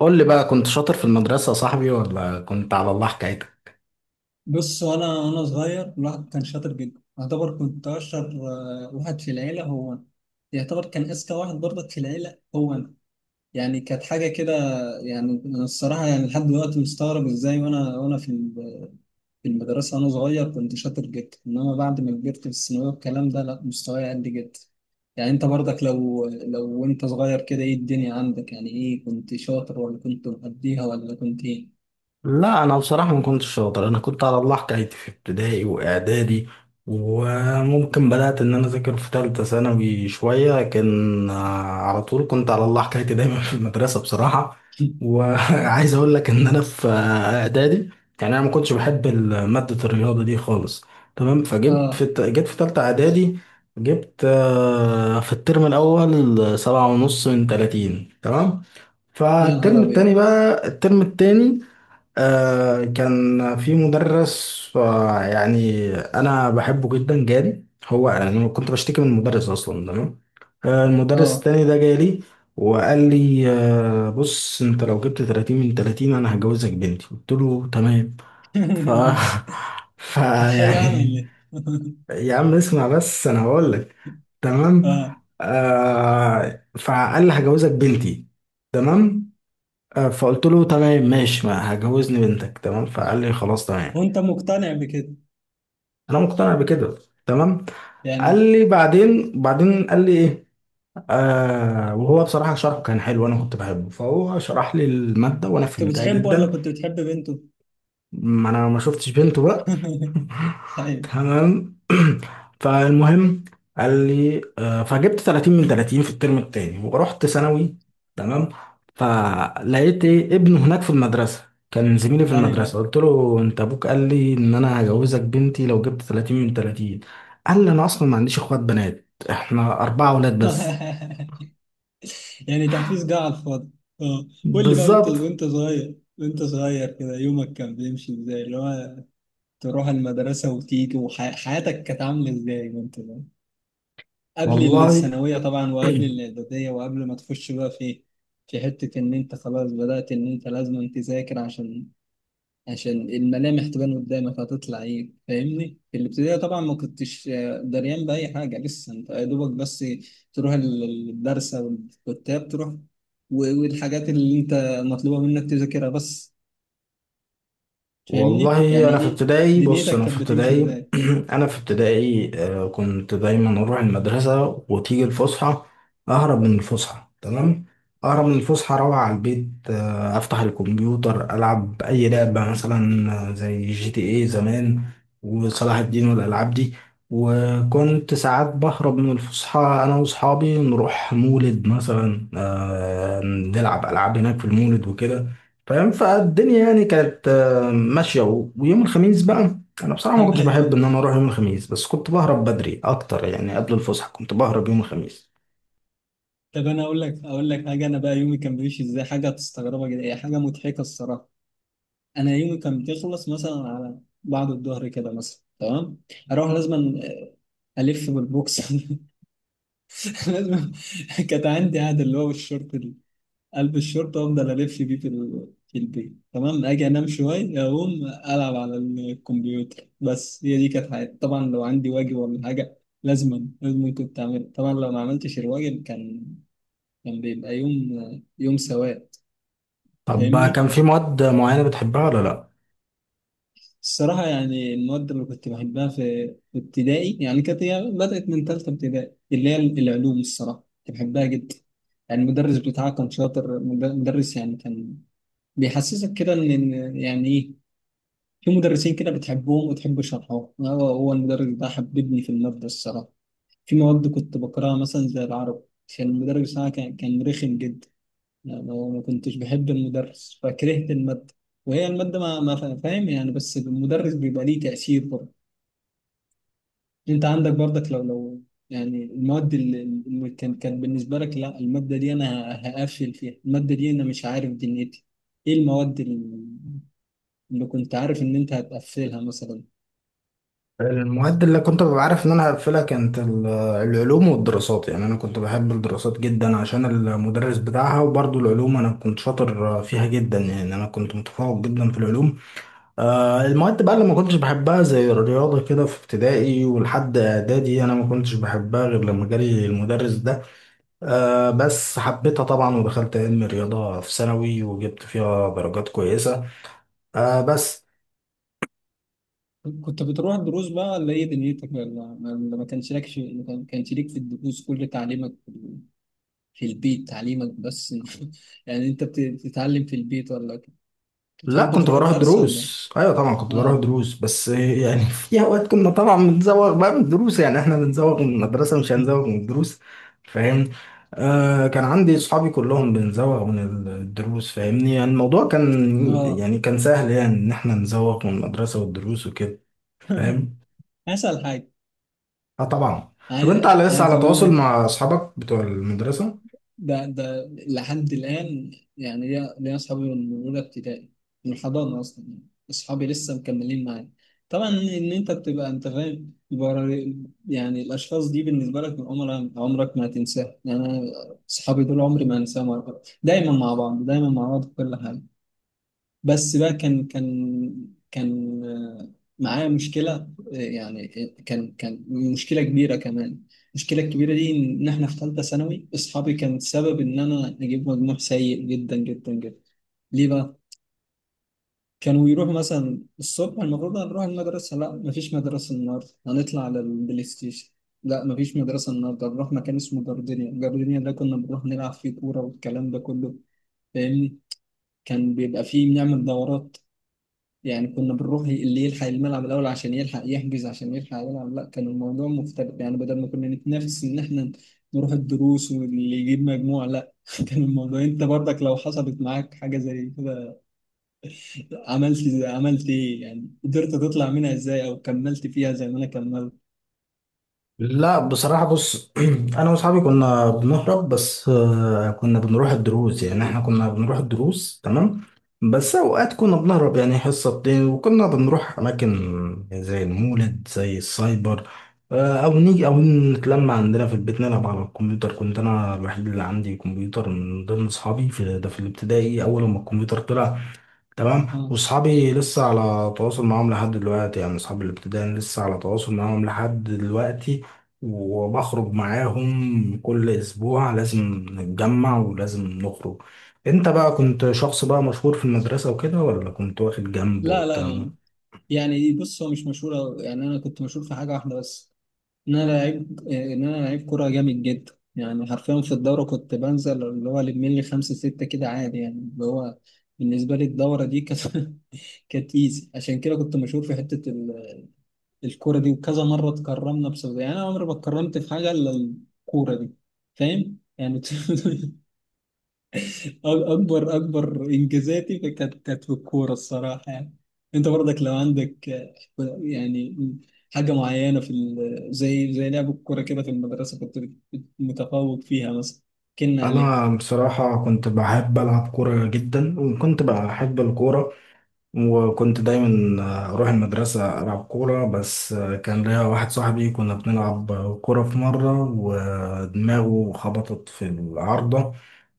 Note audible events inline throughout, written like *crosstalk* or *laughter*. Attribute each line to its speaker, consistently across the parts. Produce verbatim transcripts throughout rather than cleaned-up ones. Speaker 1: قول لي بقى، كنت شاطر في المدرسة يا صاحبي ولا كنت على الله حكايتك؟
Speaker 2: بص، وانا وانا صغير الواحد كان شاطر جدا، يعتبر كنت اشطر. آه، واحد في العيله هو انا، يعتبر كان اذكى واحد برضك في العيله هو انا. يعني كانت حاجه كده. يعني انا الصراحه يعني لحد دلوقتي مستغرب ازاي وانا وانا في ال- في المدرسه وانا صغير كنت شاطر جدا، انما بعد ما كبرت في الثانويه والكلام ده لا مستواي قل جدا. يعني انت برضك لو لو انت صغير كده ايه الدنيا عندك؟ يعني ايه، كنت شاطر ولا كنت مقضيها ولا كنت ايه؟
Speaker 1: لا، انا بصراحه ما كنتش شاطر، انا كنت على الله حكايتي في ابتدائي واعدادي. وممكن بدات ان انا اذاكر في ثالثه ثانوي شويه، لكن آه، على طول كنت على الله حكايتي دايما في المدرسه بصراحه.
Speaker 2: *laughs*
Speaker 1: وعايز *laughs* اقول لك ان انا في آه، اعدادي. يعني انا ما كنتش بحب ال- ماده الرياضه دي خالص، تمام. فجبت في
Speaker 2: اه،
Speaker 1: الت- جيت في ثالثه اعدادي، جبت آه، في الترم الاول سبعة ونص من ثلاثين، تمام.
Speaker 2: يا نهار
Speaker 1: فالترم
Speaker 2: ابيض.
Speaker 1: التاني بقى الترم التاني، آه كان في مدرس، آه يعني انا بحبه جدا، جالي. هو انا كنت بشتكي من المدرس اصلا، تمام. آه المدرس
Speaker 2: اه.
Speaker 1: التاني ده جالي، وقال لي: آه بص، انت لو جبت ثلاثين من ثلاثين انا هجوزك بنتي. قلت له: تمام. ف
Speaker 2: *laughs*
Speaker 1: *laughs* ف
Speaker 2: كانت حلوة
Speaker 1: يعني
Speaker 2: يعني ولا ايه؟ *laughs*
Speaker 1: يا عم اسمع بس انا هقول لك، تمام.
Speaker 2: اه.
Speaker 1: آه فقال لي: هجوزك بنتي، تمام. آه، فقلت له: تمام ماشي، ما هجوزني بنتك، تمام. فقال لي: خلاص، تمام.
Speaker 2: وانت مقتنع بكده؟
Speaker 1: انا مقتنع بكده، تمام. قال
Speaker 2: يعني
Speaker 1: لي بعدين، بعدين قال لي ايه، آه وهو بصراحة شرحه كان حلو، انا كنت بحبه، فهو شرح لي المادة وانا
Speaker 2: كنت
Speaker 1: فهمتها
Speaker 2: بتحبه ولا
Speaker 1: جدا.
Speaker 2: كنت بتحب بنته؟
Speaker 1: ما انا ما شفتش بنته بقى،
Speaker 2: *laughs* ايوه.
Speaker 1: تمام. *clears throat* فالمهم قال لي آه، فجبت ثلاثين من ثلاثين في الترم التاني ورحت ثانوي، تمام. فلقيت إيه، ابنه هناك في المدرسة، كان زميلي في
Speaker 2: ايوه.
Speaker 1: المدرسة. قلت له: انت ابوك قال لي ان انا هجوزك بنتي لو جبت ثلاثين من ثلاثين. قال لي: انا اصلا ما عنديش اخوات بنات، احنا اربعة اولاد بس.
Speaker 2: *laughs* يعني تحفيز جه على الفاضي. اه. قول لي بقى، وانت
Speaker 1: بالظبط.
Speaker 2: وانت صغير، وانت صغير كده، يومك كان بيمشي ازاي؟ اللي هو تروح المدرسة وتيجي، وحياتك كانت عاملة ازاي وانت صغير؟ قبل
Speaker 1: والله.
Speaker 2: الثانوية طبعا، وقبل
Speaker 1: *clears throat*
Speaker 2: الإعدادية، وقبل ما تخش بقى في في حتة إن أنت خلاص بدأت إن أنت لازم تذاكر عشان عشان الملامح تبان قدامك هتطلع ايه. فاهمني؟ في الابتدائي طبعا ما كنتش آه، دريان بأي حاجة، لسه انت يا دوبك بس تروح ال- الدرس او الكتاب، تروح و- والحاجات اللي انت مطلوبة منك تذاكرها بس. فاهمني؟
Speaker 1: والله
Speaker 2: يعني
Speaker 1: انا في
Speaker 2: ايه
Speaker 1: ابتدائي بص
Speaker 2: دنيتك
Speaker 1: انا في
Speaker 2: كانت بتمشي
Speaker 1: ابتدائي.
Speaker 2: ازاي؟
Speaker 1: *clears throat* انا في ابتدائي، آه، كنت دايما اروح المدرسه وتيجي الفسحه، اهرب من الفسحه، تمام. اهرب من الفسحه اروح على البيت، آه، افتح الكمبيوتر العب اي لعبه، مثلا آه، زي جي تي اي زمان، وصلاح الدين والالعاب دي. وكنت ساعات بهرب من الفسحه انا واصحابي، نروح مولد مثلا، آه، نلعب العاب هناك في المولد وكده، فاهم؟ فالدنيا يعني كانت ماشية، و- ويوم الخميس بقى أنا بصراحة
Speaker 2: *laughs*
Speaker 1: ما كنتش بحب
Speaker 2: ايوه.
Speaker 1: إن أنا أروح يوم الخميس، بس كنت بهرب بدري أكتر، يعني قبل الفسحة كنت بهرب يوم الخميس.
Speaker 2: طب انا اقول لك، اقول لك حاجة. انا بقى يومي كان بيمشي ازاي، حاجة تستغربها جدا، هي حاجة مضحكة الصراحة. انا يومي كان بيخلص مثلا على بعد الظهر كده مثلا، تمام، اروح لازما الف بالبوكس. *laughs* *laughs* لازم. كانت عندي عادة اللي هو الشورت ال- قلب الشورت وافضل الف بيه في ال- في البيت، تمام، اجي انام شويه، اقوم العب على الكمبيوتر. بس هي دي كانت حياتي. طبعا لو عندي واجب ولا حاجه لازما لازم كنت اعمله، طبعا لو ما عملتش الواجب كان كان بيبقى يوم يوم سواد.
Speaker 1: طب بقى
Speaker 2: فاهمني؟
Speaker 1: كان في مواد معينة بتحبها ولا لأ؟
Speaker 2: الصراحة يعني المواد اللي كنت بحبها في في ابتدائي، يعني كانت هي بدأت من تالتة ابتدائي، اللي هي العلوم. الصراحة كنت بحبها جدا، يعني المدرس بتاعها كان شاطر، مد- مدرس يعني كان بيحسسك كده إن إن يعني إيه، في مدرسين كده بتحبهم وتحب شرحهم. هو هو المدرس ده حببني في المادة الصراحة. في مواد كنت بكرهها مثلا زي العربي، عشان المدرس بتاعها كان كان رخم جدا. يعني هو ما كنتش بحب المدرس فكرهت المادة، وهي المادة ما ما فا- فاهم يعني، بس المدرس بيبقى ليه تأثير برضه. انت عندك برضك لو لو يعني المواد اللي اللي كان كان بالنسبه لك لا الماده دي انا هقفل فيها، الماده دي انا مش عارف دنيتي، ايه المواد اللي اللي كنت عارف ان انت هتقفلها مثلا؟
Speaker 1: المواد اللي كنت ببقى عارف إن أنا هقفلها كانت ال- العلوم والدراسات. يعني أنا كنت بحب الدراسات جدا عشان المدرس بتاعها، وبرضه العلوم أنا كنت شاطر فيها جدا، يعني أنا كنت متفوق جدا في العلوم. آه، المواد بقى اللي ما كنتش بحبها زي الرياضة كده في ابتدائي ولحد إعدادي، أنا ما كنتش بحبها غير لما جالي المدرس ده. آه بس حبيتها طبعا، ودخلت علم رياضة في ثانوي وجبت فيها درجات كويسة. آه بس
Speaker 2: كنت بتروح دروس بقى ولا ايه دنيتك؟ ولا ولا ما كانش لك في ما كان- كانش ليك في الدروس، كل تعليمك في البيت؟ تعليمك بس؟ *laughs* يعني انت بت- بتتعلم في البيت ولا
Speaker 1: لا،
Speaker 2: بتحب
Speaker 1: كنت
Speaker 2: تروح
Speaker 1: بروح
Speaker 2: الدرس ولا؟
Speaker 1: دروس، ايوه طبعا كنت بروح
Speaker 2: اه.
Speaker 1: دروس، بس يعني *laughs* في اوقات كنا طبعا بنزوغ بقى من الدروس. يعني احنا بنزوغ من المدرسة مش هنزوغ من
Speaker 2: *laughs*
Speaker 1: الدروس، فاهم؟ آه كان عندي صحابي كلهم بنزوغ من الدروس، فاهمني؟ يعني الموضوع كان،
Speaker 2: اه.
Speaker 1: يعني كان سهل، يعني ان احنا نزوغ من المدرسة والدروس وكده،
Speaker 2: *laughs*
Speaker 1: فاهم؟
Speaker 2: اسأل حاجة.
Speaker 1: اه طبعا. طب انت
Speaker 2: عايز،
Speaker 1: على لسه
Speaker 2: عايز
Speaker 1: على
Speaker 2: أقول
Speaker 1: تواصل
Speaker 2: لك،
Speaker 1: مع اصحابك بتوع المدرسة؟
Speaker 2: ده ده لحد الآن، يعني ليا، ليا أصحابي من أولى ابتدائي، من الحضانة أصلا، يعني أصحابي لسه مكملين معايا. طبعا إن أنت بتبقى أنت فاهم برا- يعني الأشخاص دي بالنسبة لك من عمرك، عمرك ما هتنساها. يعني أنا أصحابي دول عمري ما أنساهم، دايما مع بعض، دايما مع بعض في كل حاجة. بس بقى كان كان كان آه، معايا مشكلة. آه، يعني آه، كان كان مشكلة كبيرة كمان. المشكلة الكبيرة دي إن إحنا في ثالثة ثانوي أصحابي كان السبب إن أنا أجيب مجموع سيء جدا جدا جدا. ليه بقى؟ كانوا يروحوا مثلا الصبح المفروض هنروح المدرسة، لا مفيش مدرسة النهاردة هنطلع على البلاي ستيشن، لا مفيش مدرسة النهاردة هنروح مكان اسمه جاردينيا. جاردينيا ده كنا بنروح نلعب فيه كورة والكلام ده كله. فاهمني؟ كان بيبقى فيه بنعمل دورات يعني، كنا بنروح اللي يلحق الملعب الأول عشان يلحق يحجز عشان يلحق يلعب. لا كان الموضوع مختلف، يعني بدل ما كنا نتنافس إن إحنا نروح الدروس واللي يجيب مجموع، لا. *laughs* كان الموضوع، أنت برضك لو حصلت معاك حاجة زي كده، عملت زي، عملت إيه يعني؟ قدرت تطلع منها إزاي أو كملت فيها زي ما أنا كملت؟
Speaker 1: لا بصراحة، بص *clears throat* أنا وأصحابي كنا بنهرب، بس آه، كنا بنروح الدروس، يعني إحنا كنا بنروح الدروس، تمام. بس أوقات كنا بنهرب يعني حصة بتاع، وكنا بنروح أماكن زي المولد، زي السايبر، آه، أو نيجي أو نتلم عندنا في البيت نلعب على الكمبيوتر. كنت أنا الوحيد اللي عندي كمبيوتر من ضمن أصحابي في ده، في الابتدائي، أول ما الكمبيوتر طلع، تمام.
Speaker 2: آه.
Speaker 1: واصحابي لسه على تواصل معاهم لحد دلوقتي، يعني اصحابي الابتدائي أنا لسه على تواصل معاهم لحد دلوقتي، وبخرج معاهم كل اسبوع، لازم نتجمع ولازم نخرج. انت بقى كنت شخص بقى مشهور في المدرسة وكده، ولا كنت واخد جنب
Speaker 2: لا لا
Speaker 1: والكلام ده؟
Speaker 2: لا، يعني بص هو مش مشهور أوي. يعني أنا كنت مشهور في حاجة واحدة بس، ان انا لعيب، آه، ان انا لعيب كوره جامد جدا، يعني حرفيا في الدوره كنت بنزل اللي هو لم لي خمسه سته كده عادي، يعني اللي هو بالنسبه لي الدوره دي كانت *laughs* كانت ايزي. عشان كده كنت مشهور في حته ال- الكوره دي، وكذا مره اتكرمنا بسبب، يعني انا عمري ما اتكرمت في حاجه الا الكوره دي. فاهم يعني؟ *laughs* اكبر اكبر انجازاتي كانت كانت في الكوره الصراحه، يعني انت برضك لو عندك آه، يعني حاجه معينه في ال- زي زي لعب الكوره كده في المدرسه كنت بت- متفوق فيها مثلا، كنا عليه.
Speaker 1: انا بصراحة كنت بحب العب كورة جدا، وكنت بحب الكورة، وكنت دايما آه، اروح المدرسة العب كورة. بس آه، كان ليا واحد صاحبي كنا بنلعب كورة في مرة، ودماغه خبطت في العارضة،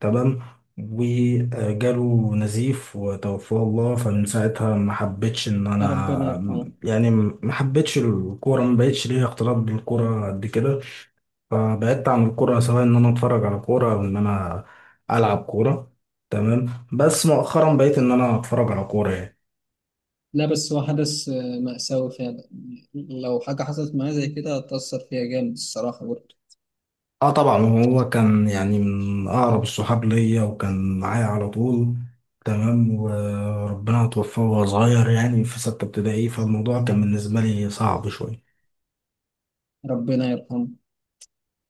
Speaker 1: تمام، وجاله نزيف وتوفاه الله. فمن ساعتها ما حبيتش ان
Speaker 2: ربنا
Speaker 1: انا
Speaker 2: يرحمه.
Speaker 1: يعني ما حبيتش الكورة، ما بقتش ليا اختلاط بالكورة قد كده. فبعدت عن الكورة، سواء ان انا اتفرج على كورة او ان انا العب كورة، تمام. بس مؤخرا بقيت ان انا اتفرج على كورة يعني.
Speaker 2: لا بس هو حدث آه، مأساوي فعلا، لو حاجه حصلت معايا زي كده هتأثر فيها جامد الصراحه برضه.
Speaker 1: اه طبعا، هو كان يعني من اقرب الصحاب ليا، وكان معايا على طول، تمام. وربنا توفاه وهو صغير، يعني في ستة ابتدائي، فالموضوع كان بالنسبة لي صعب شوية.
Speaker 2: ربنا يرحمه.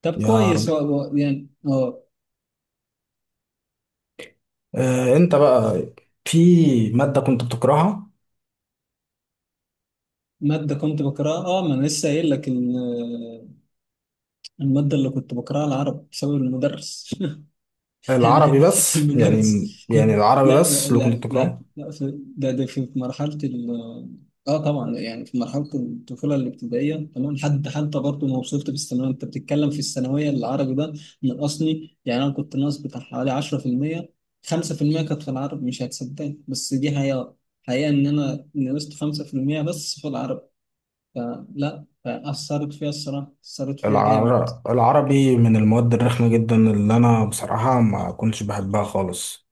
Speaker 2: طب
Speaker 1: يا رب.
Speaker 2: كويس، هو- هو يعني اه.
Speaker 1: آه انت بقى في مادة كنت بتكرهها؟
Speaker 2: ماده كنت بكرهها؟ اه، ما انا لسه قايل لك، المادة اللي كنت بكرهها العرب بسبب المدرس. *laughs* يعني
Speaker 1: العربي بس
Speaker 2: المدرس.
Speaker 1: يعني، يعني
Speaker 2: *laughs*
Speaker 1: العربي
Speaker 2: لا
Speaker 1: بس اللي كنت
Speaker 2: لا، لا
Speaker 1: بتكرهه؟
Speaker 2: لا في ده، ده في مرحلة ال اه، طبعا يعني في مرحلة الطفولة الابتدائية، تمام، حد حتى برضه ما وصلت في الثانوية. انت بتتكلم في الثانوية العربي ده نقصني، يعني انا كنت ناقص بتاع حوالي عشرة في المية، خمسة في المية كانت في العربي. مش هتصدقني بس دي حقيقة، حقيقة ان انا نقصت خمسة في المية بس في العربي، فلا فأثرت فيها الصراحة، أثرت فيها جامد.
Speaker 1: العر... العربي من المواد الرخمة جدا، اللي انا بصراحة ما كنتش بحبها خالص.